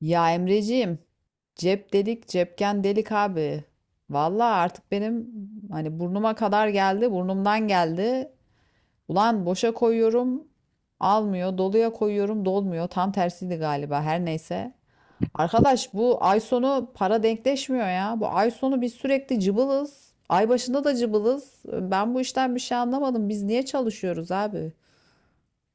Ya Emreciğim, cep delik, cepken delik abi. Vallahi artık benim burnuma kadar geldi, burnumdan geldi. Ulan boşa koyuyorum, almıyor, doluya koyuyorum, dolmuyor. Tam tersiydi galiba, her neyse. Arkadaş bu ay sonu para denkleşmiyor ya. Bu ay sonu biz sürekli cıbılız. Ay başında da cıbılız. Ben bu işten bir şey anlamadım. Biz niye çalışıyoruz abi?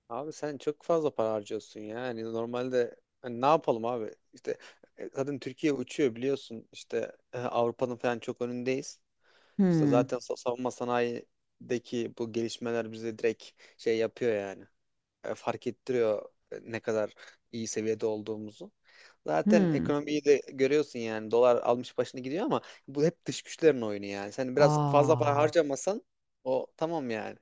Abi sen çok fazla para harcıyorsun ya. Yani normalde hani ne yapalım abi? İşte zaten Türkiye uçuyor biliyorsun. İşte Avrupa'nın falan çok önündeyiz. İşte Hmm. zaten savunma sanayideki bu gelişmeler bize direkt şey yapıyor yani. Fark ettiriyor, ne kadar iyi seviyede olduğumuzu. Zaten Hmm. ekonomiyi de görüyorsun yani. Dolar almış başını gidiyor ama bu hep dış güçlerin oyunu yani. Sen biraz fazla para Aa. harcamasan o tamam yani.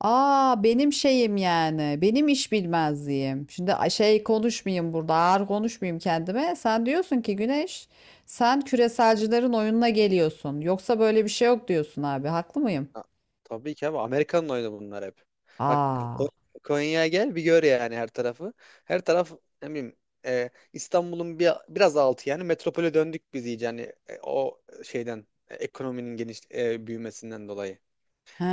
Aa, benim şeyim yani. Benim iş bilmezliğim. Şimdi konuşmayayım burada. Ağır konuşmayayım kendime. Sen diyorsun ki Güneş, sen küreselcilerin oyununa geliyorsun. Yoksa böyle bir şey yok diyorsun abi. Haklı mıyım? Ha, tabii ki abi, Amerika'nın oyunu bunlar hep. Bak Aa. Konya'ya gel bir gör yani her tarafı. Her taraf, ne bileyim, İstanbul'un bir, biraz altı yani. Metropole döndük biz iyice yani o şeyden, ekonominin geniş büyümesinden dolayı. He.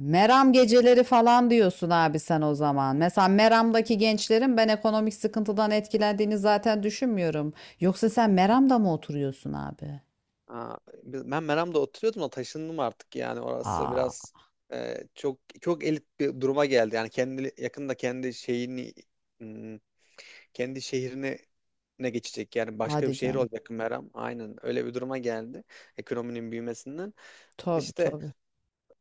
Meram geceleri falan diyorsun abi sen o zaman. Mesela Meram'daki gençlerin ben ekonomik sıkıntıdan etkilendiğini zaten düşünmüyorum. Yoksa sen Meram'da mı oturuyorsun abi? Aa, ben Meram'da oturuyordum da taşındım artık. Yani orası Aa. biraz, çok çok elit bir duruma geldi. Yani kendi yakında kendi şeyini, hmm, kendi şehrini ne geçecek yani. Başka bir Hadi şehir canım. olacak Meram. Aynen öyle bir duruma geldi ekonominin büyümesinden. Tabii, İşte tabii.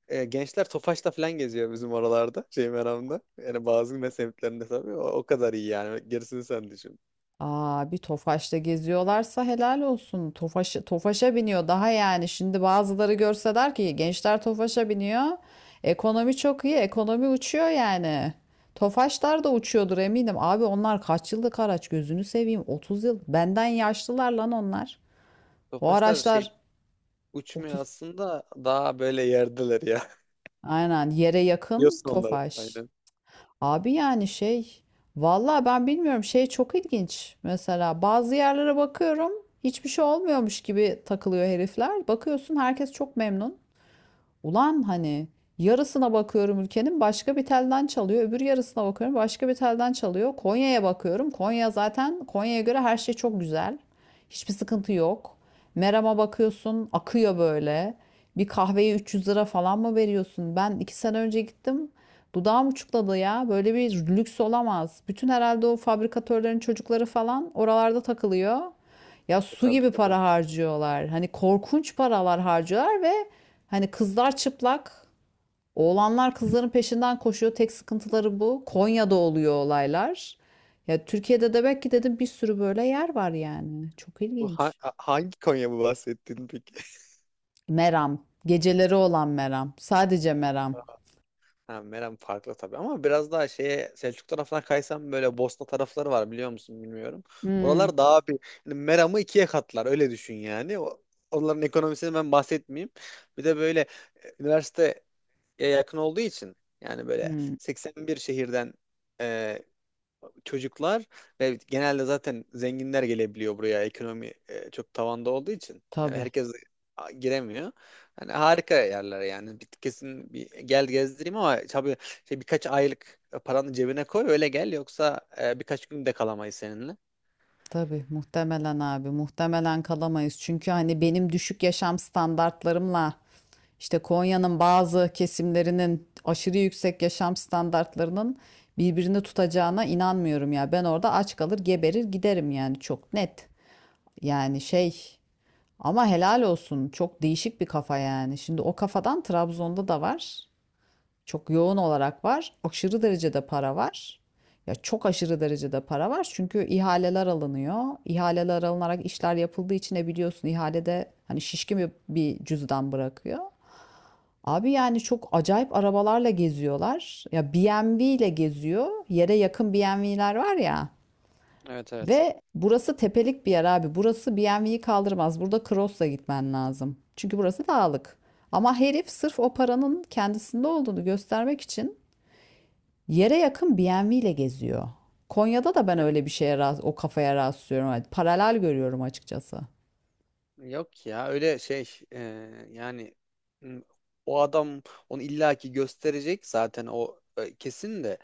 gençler Tofaş'ta falan geziyor bizim oralarda, şey, Meram'da. Yani bazı ne semtlerinde tabii o, o kadar iyi yani gerisini sen düşün. Aa, bir Tofaş'ta geziyorlarsa helal olsun. Tofaş, Tofaş'a biniyor daha yani. Şimdi bazıları görse der ki gençler Tofaş'a biniyor. Ekonomi çok iyi. Ekonomi uçuyor yani. Tofaşlar da uçuyordur eminim. Abi onlar kaç yıllık araç gözünü seveyim. 30 yıl. Benden yaşlılar lan onlar. O Tofaşlar şey, araçlar uçmuyor 30. aslında, daha böyle yerdeler ya. Aynen yere yakın Biliyorsun onları Tofaş. aynen. Abi, vallahi ben bilmiyorum, çok ilginç. Mesela bazı yerlere bakıyorum, hiçbir şey olmuyormuş gibi takılıyor herifler. Bakıyorsun herkes çok memnun. Ulan yarısına bakıyorum ülkenin, başka bir telden çalıyor. Öbür yarısına bakıyorum, başka bir telden çalıyor. Konya'ya bakıyorum. Konya zaten, Konya'ya göre her şey çok güzel. Hiçbir sıkıntı yok. Meram'a bakıyorsun, akıyor böyle. Bir kahveye 300 lira falan mı veriyorsun? Ben 2 sene önce gittim. Dudağım uçukladı ya. Böyle bir lüks olamaz. Bütün, herhalde o fabrikatörlerin çocukları falan oralarda takılıyor. Ya su Tabii gibi tabii. para harcıyorlar. Korkunç paralar harcıyorlar ve kızlar çıplak, oğlanlar kızların peşinden koşuyor. Tek sıkıntıları bu. Konya'da oluyor olaylar. Ya Türkiye'de de belki dedim bir sürü böyle yer var yani. Çok Bu ilginç. hangi Konya bu bahsettiğin peki? Meram. Geceleri olan Meram. Sadece Meram. Ha, Meram farklı tabii, ama biraz daha şeye, Selçuk tarafına kaysam, böyle Bosna tarafları var, biliyor musun bilmiyorum. Hmm. Oralar daha bir, yani Meram'ı ikiye katlar, öyle düşün yani. O, onların ekonomisini ben bahsetmeyeyim. Bir de böyle üniversiteye yakın olduğu için, yani böyle Hmm. 81 şehirden çocuklar ve genelde zaten zenginler gelebiliyor buraya, ekonomi çok tavanda olduğu için. Yani Tabii. herkes giremiyor. Yani harika yerler yani. Bir, kesin bir gel gezdireyim, ama tabii şey, birkaç aylık paranı cebine koy öyle gel, yoksa birkaç gün de kalamayız seninle. Tabii, muhtemelen abi, muhtemelen kalamayız. Çünkü benim düşük yaşam standartlarımla İşte Konya'nın bazı kesimlerinin aşırı yüksek yaşam standartlarının birbirini tutacağına inanmıyorum ya. Ben orada aç kalır, geberir, giderim yani, çok net. Yani şey Ama helal olsun, çok değişik bir kafa yani. Şimdi o kafadan Trabzon'da da var. Çok yoğun olarak var. Aşırı derecede para var. Ya çok aşırı derecede para var. Çünkü ihaleler alınıyor. İhaleler alınarak işler yapıldığı için ne biliyorsun, ihalede şişkin bir cüzdan bırakıyor. Abi yani çok acayip arabalarla geziyorlar. Ya BMW ile geziyor. Yere yakın BMW'ler var ya. Evet evet. Ve burası tepelik bir yer abi. Burası BMW'yi kaldırmaz. Burada Cross'la gitmen lazım. Çünkü burası dağlık. Ama herif sırf o paranın kendisinde olduğunu göstermek için yere yakın BMW ile geziyor. Konya'da da ben Ya. öyle bir şeye rast- o kafaya rastlıyorum. Yani paralel görüyorum açıkçası. Yok ya, öyle şey yani, m, o adam onu illaki gösterecek zaten, o kesin de.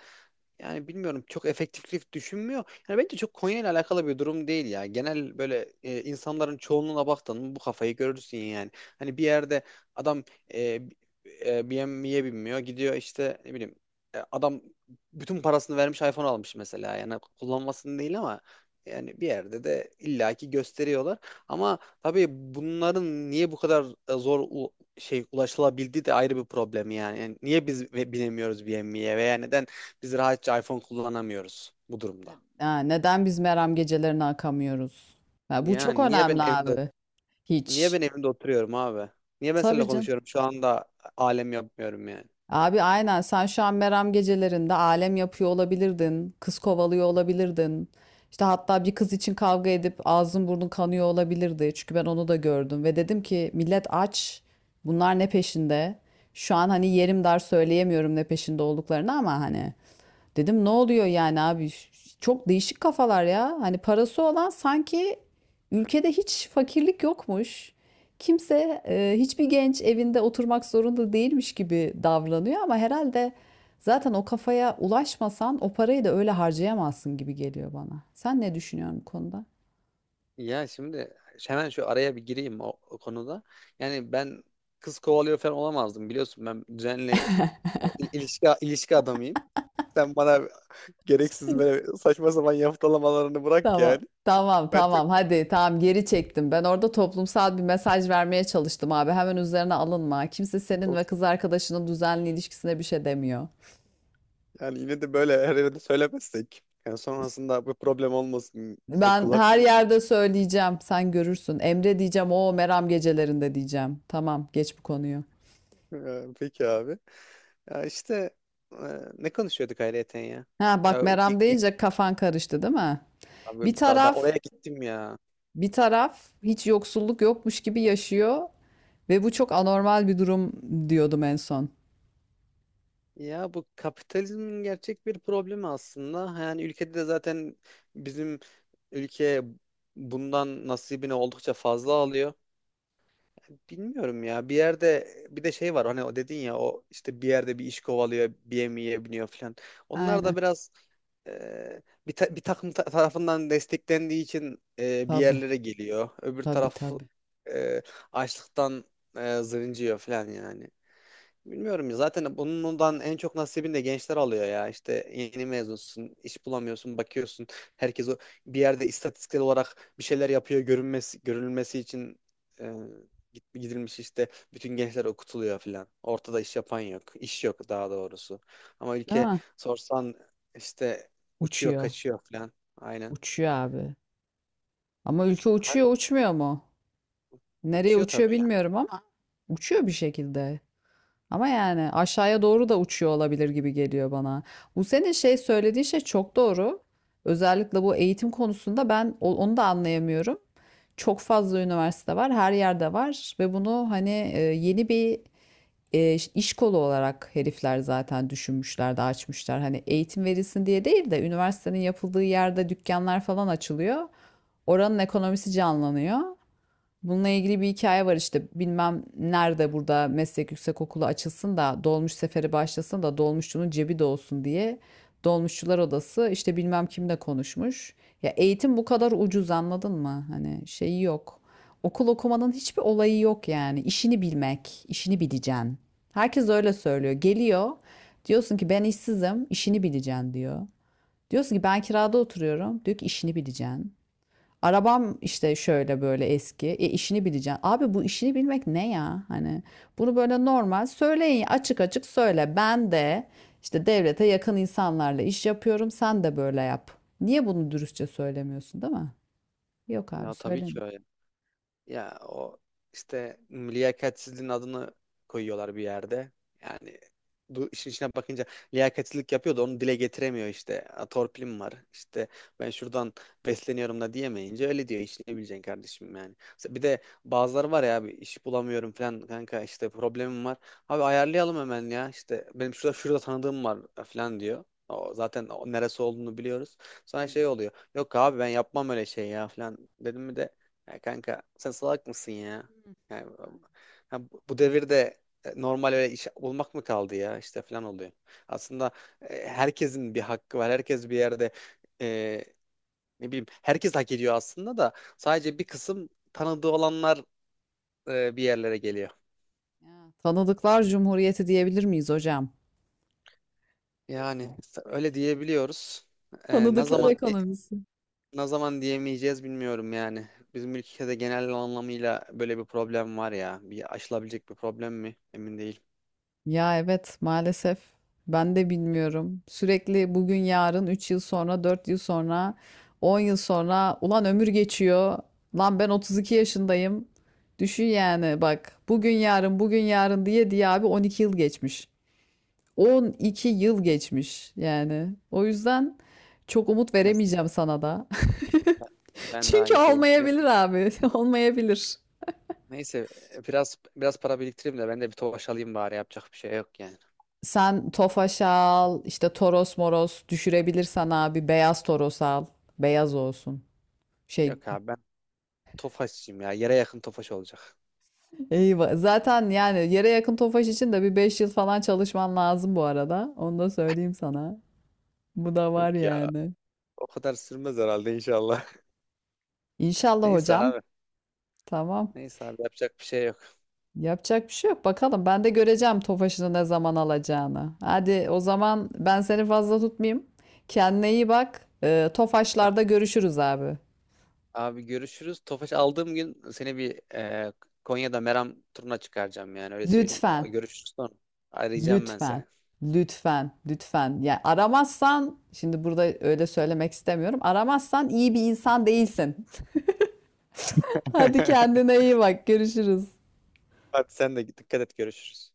Yani bilmiyorum, çok efektiflik düşünmüyor. Yani bence çok Konya ile alakalı bir durum değil ya. Genel böyle, insanların çoğunluğuna baktın mı bu kafayı görürsün yani. Hani bir yerde adam, e, BMW'ye binmiyor, gidiyor işte ne bileyim, adam bütün parasını vermiş iPhone almış mesela. Yani kullanmasını değil, ama yani bir yerde de illaki gösteriyorlar. Ama tabii bunların niye bu kadar zor şey ulaşılabildiği de ayrı bir problem yani. Yani niye biz binemiyoruz BMW'ye, veya neden biz rahatça iPhone kullanamıyoruz bu durumda. Ha, neden biz Meram gecelerine akamıyoruz? Ya bu çok Yani niye ben önemli evimde abi. niye Hiç. ben evimde oturuyorum abi? Niye ben seninle Tabii canım. konuşuyorum şu anda, alem yapmıyorum yani. Abi aynen, sen şu an Meram gecelerinde alem yapıyor olabilirdin. Kız kovalıyor olabilirdin. İşte hatta bir kız için kavga edip ağzın burnun kanıyor olabilirdi. Çünkü ben onu da gördüm ve dedim ki millet aç. Bunlar ne peşinde? Şu an yerim dar söyleyemiyorum ne peşinde olduklarını ama hani. Dedim ne oluyor yani abi? Çok değişik kafalar ya. Parası olan sanki ülkede hiç fakirlik yokmuş, kimse, hiçbir genç evinde oturmak zorunda değilmiş gibi davranıyor. Ama herhalde zaten o kafaya ulaşmasan o parayı da öyle harcayamazsın gibi geliyor bana. Sen ne düşünüyorsun bu konuda? Ya şimdi hemen şu araya bir gireyim o konuda. Yani ben kız kovalıyor falan olamazdım biliyorsun. Ben düzenli ilişki adamıyım. Sen bana gereksiz böyle saçma sapan yaftalamalarını bırak Tamam. yani. Tamam Ben çok tamam hadi tamam geri çektim. Ben orada toplumsal bir mesaj vermeye çalıştım abi. Hemen üzerine alınma. Kimse senin ve olsun. kız arkadaşının düzenli ilişkisine bir şey demiyor. Yani yine de böyle her yerde söylemezsek. Yani sonrasında bu problem olmasın. E, Ben kulak. her yerde söyleyeceğim. Sen görürsün. Emre diyeceğim. O Meram gecelerinde diyeceğim. Tamam, geç bu konuyu. E, peki abi. Ya işte e, ne konuşuyorduk ayrıyeten ya? Ha bak, Ya o Meram deyince kafan karıştı değil mi? abi Bir daha taraf oraya gittim ya. bir taraf hiç yoksulluk yokmuş gibi yaşıyor ve bu çok anormal bir durum diyordum en son. Ya bu kapitalizmin gerçek bir problemi aslında. Yani ülkede de zaten bizim ülke bundan nasibini oldukça fazla alıyor. Bilmiyorum ya. Bir yerde bir de şey var, hani o dedin ya, o işte bir yerde bir iş kovalıyor, bir yemeğe biniyor falan. Onlar da Aynen. biraz bir, bir takım tarafından desteklendiği için bir Tabii, yerlere geliyor. Öbür tabii, taraf tabii. e, açlıktan zırıncıyor falan yani. Bilmiyorum ya, zaten bundan en çok nasibini de gençler alıyor ya. İşte yeni mezunsun, iş bulamıyorsun, bakıyorsun. Herkes o bir yerde istatistiksel olarak bir şeyler yapıyor görünmesi, görülmesi için e, gidilmiş işte bütün gençler okutuluyor filan. Ortada iş yapan yok. İş yok daha doğrusu. Ama Değil ülke mi? sorsan işte uçuyor, Uçuyor. kaçıyor filan. Aynen. Uçuyor abi. Ama ülke Ha, uçuyor, uçmuyor mu? Nereye uçuyor uçuyor tabii yani. bilmiyorum ama uçuyor bir şekilde. Ama yani aşağıya doğru da uçuyor olabilir gibi geliyor bana. Bu senin şey söylediği şey çok doğru. Özellikle bu eğitim konusunda ben onu da anlayamıyorum. Çok fazla üniversite var, her yerde var ve bunu yeni bir iş kolu olarak herifler zaten düşünmüşler de açmışlar. Hani eğitim verilsin diye değil de üniversitenin yapıldığı yerde dükkanlar falan açılıyor. Oranın ekonomisi canlanıyor. Bununla ilgili bir hikaye var, işte bilmem nerede burada meslek yüksekokulu açılsın da dolmuş seferi başlasın da dolmuşçunun cebi de diye, dolmuşçular odası işte bilmem kimle konuşmuş. Ya eğitim bu kadar ucuz, anladın mı? Hani şeyi yok. Okul okumanın hiçbir olayı yok yani. İşini bilmek, işini bileceksin. Herkes öyle söylüyor. Geliyor, diyorsun ki ben işsizim, işini bileceksin diyor. Diyorsun ki ben kirada oturuyorum. Diyor ki işini bileceksin. Arabam işte şöyle böyle eski. E işini bileceksin. Abi bu işini bilmek ne ya? Hani bunu böyle normal söyleyin, açık açık söyle. Ben de işte devlete yakın insanlarla iş yapıyorum. Sen de böyle yap. Niye bunu dürüstçe söylemiyorsun, değil mi? Yok abi, Ya tabii söyleme. ki öyle. Ya o işte liyakatsizliğin adını koyuyorlar bir yerde. Yani bu işin içine bakınca liyakatsizlik yapıyor da onu dile getiremiyor işte. "A, torpilim var. İşte ben şuradan besleniyorum" da diyemeyince öyle diyor. İşte ne bileceksin kardeşim yani. Mesela bir de bazıları var ya abi, "iş bulamıyorum falan kanka, işte problemim var." Abi ayarlayalım hemen ya. İşte benim şurada şurada tanıdığım var falan diyor. O zaten o neresi olduğunu biliyoruz. Sonra Hmm. şey oluyor. "Yok abi ben yapmam öyle şey ya" falan dedim mi de, "ya kanka sen salak mısın ya? Yani, ya bu bu devirde normal öyle iş bulmak mı kaldı ya" işte falan oluyor. Aslında herkesin bir hakkı var. Herkes bir yerde, e, ne bileyim, herkes hak ediyor aslında, da sadece bir kısım tanıdığı olanlar bir yerlere geliyor. Ya, tanıdıklar Cumhuriyeti diyebilir miyiz hocam? Yani öyle diyebiliyoruz. E, ne Tanıdıklar zaman ekonomisi. ne zaman diyemeyeceğiz bilmiyorum yani. Bizim ülkede genel anlamıyla böyle bir problem var ya. Bir aşılabilecek bir problem mi? Emin değilim. Ya evet, maalesef ben de bilmiyorum. Sürekli bugün yarın, 3 yıl sonra, 4 yıl sonra, 10 yıl sonra, ulan ömür geçiyor. Lan ben 32 yaşındayım. Düşün yani, bak, bugün yarın bugün yarın diye diye abi 12 yıl geçmiş. 12 yıl geçmiş yani. O yüzden çok umut veremeyeceğim sana da. Ben de Çünkü aynı şeyi olmayabilir düşünüyorum. abi, olmayabilir. Neyse, biraz para biriktireyim de ben de bir Tofaş alayım bari, yapacak bir şey yok yani. Sen Tofaş al, işte Toros moros düşürebilirsen abi beyaz Toros al. Beyaz olsun. Şey Yok abi ben Tofaşçıyım ya. Yere yakın Tofaş olacak. Eyvah. Zaten yani yere yakın Tofaş için de bir 5 yıl falan çalışman lazım bu arada. Onu da söyleyeyim sana. Bu da var Yok ya, yani. o kadar sürmez herhalde inşallah. İnşallah Neyse hocam. abi. Tamam. Neyse abi, yapacak bir şey yok. Yapacak bir şey yok. Bakalım, ben de göreceğim Tofaş'ını ne zaman alacağını. Hadi o zaman ben seni fazla tutmayayım. Kendine iyi bak. A- Tofaşlarda görüşürüz abi. Abi görüşürüz. Tofaş aldığım gün seni bir Konya'da Meram turuna çıkaracağım, yani öyle söyleyeyim. Lütfen. Görüşürüz sonra. Arayacağım ben Lütfen, seni. lütfen, lütfen. Yani aramazsan, şimdi burada öyle söylemek istemiyorum. Aramazsan iyi bir insan değilsin. Hadi kendine iyi bak. Görüşürüz. Hadi sen de dikkat et, görüşürüz.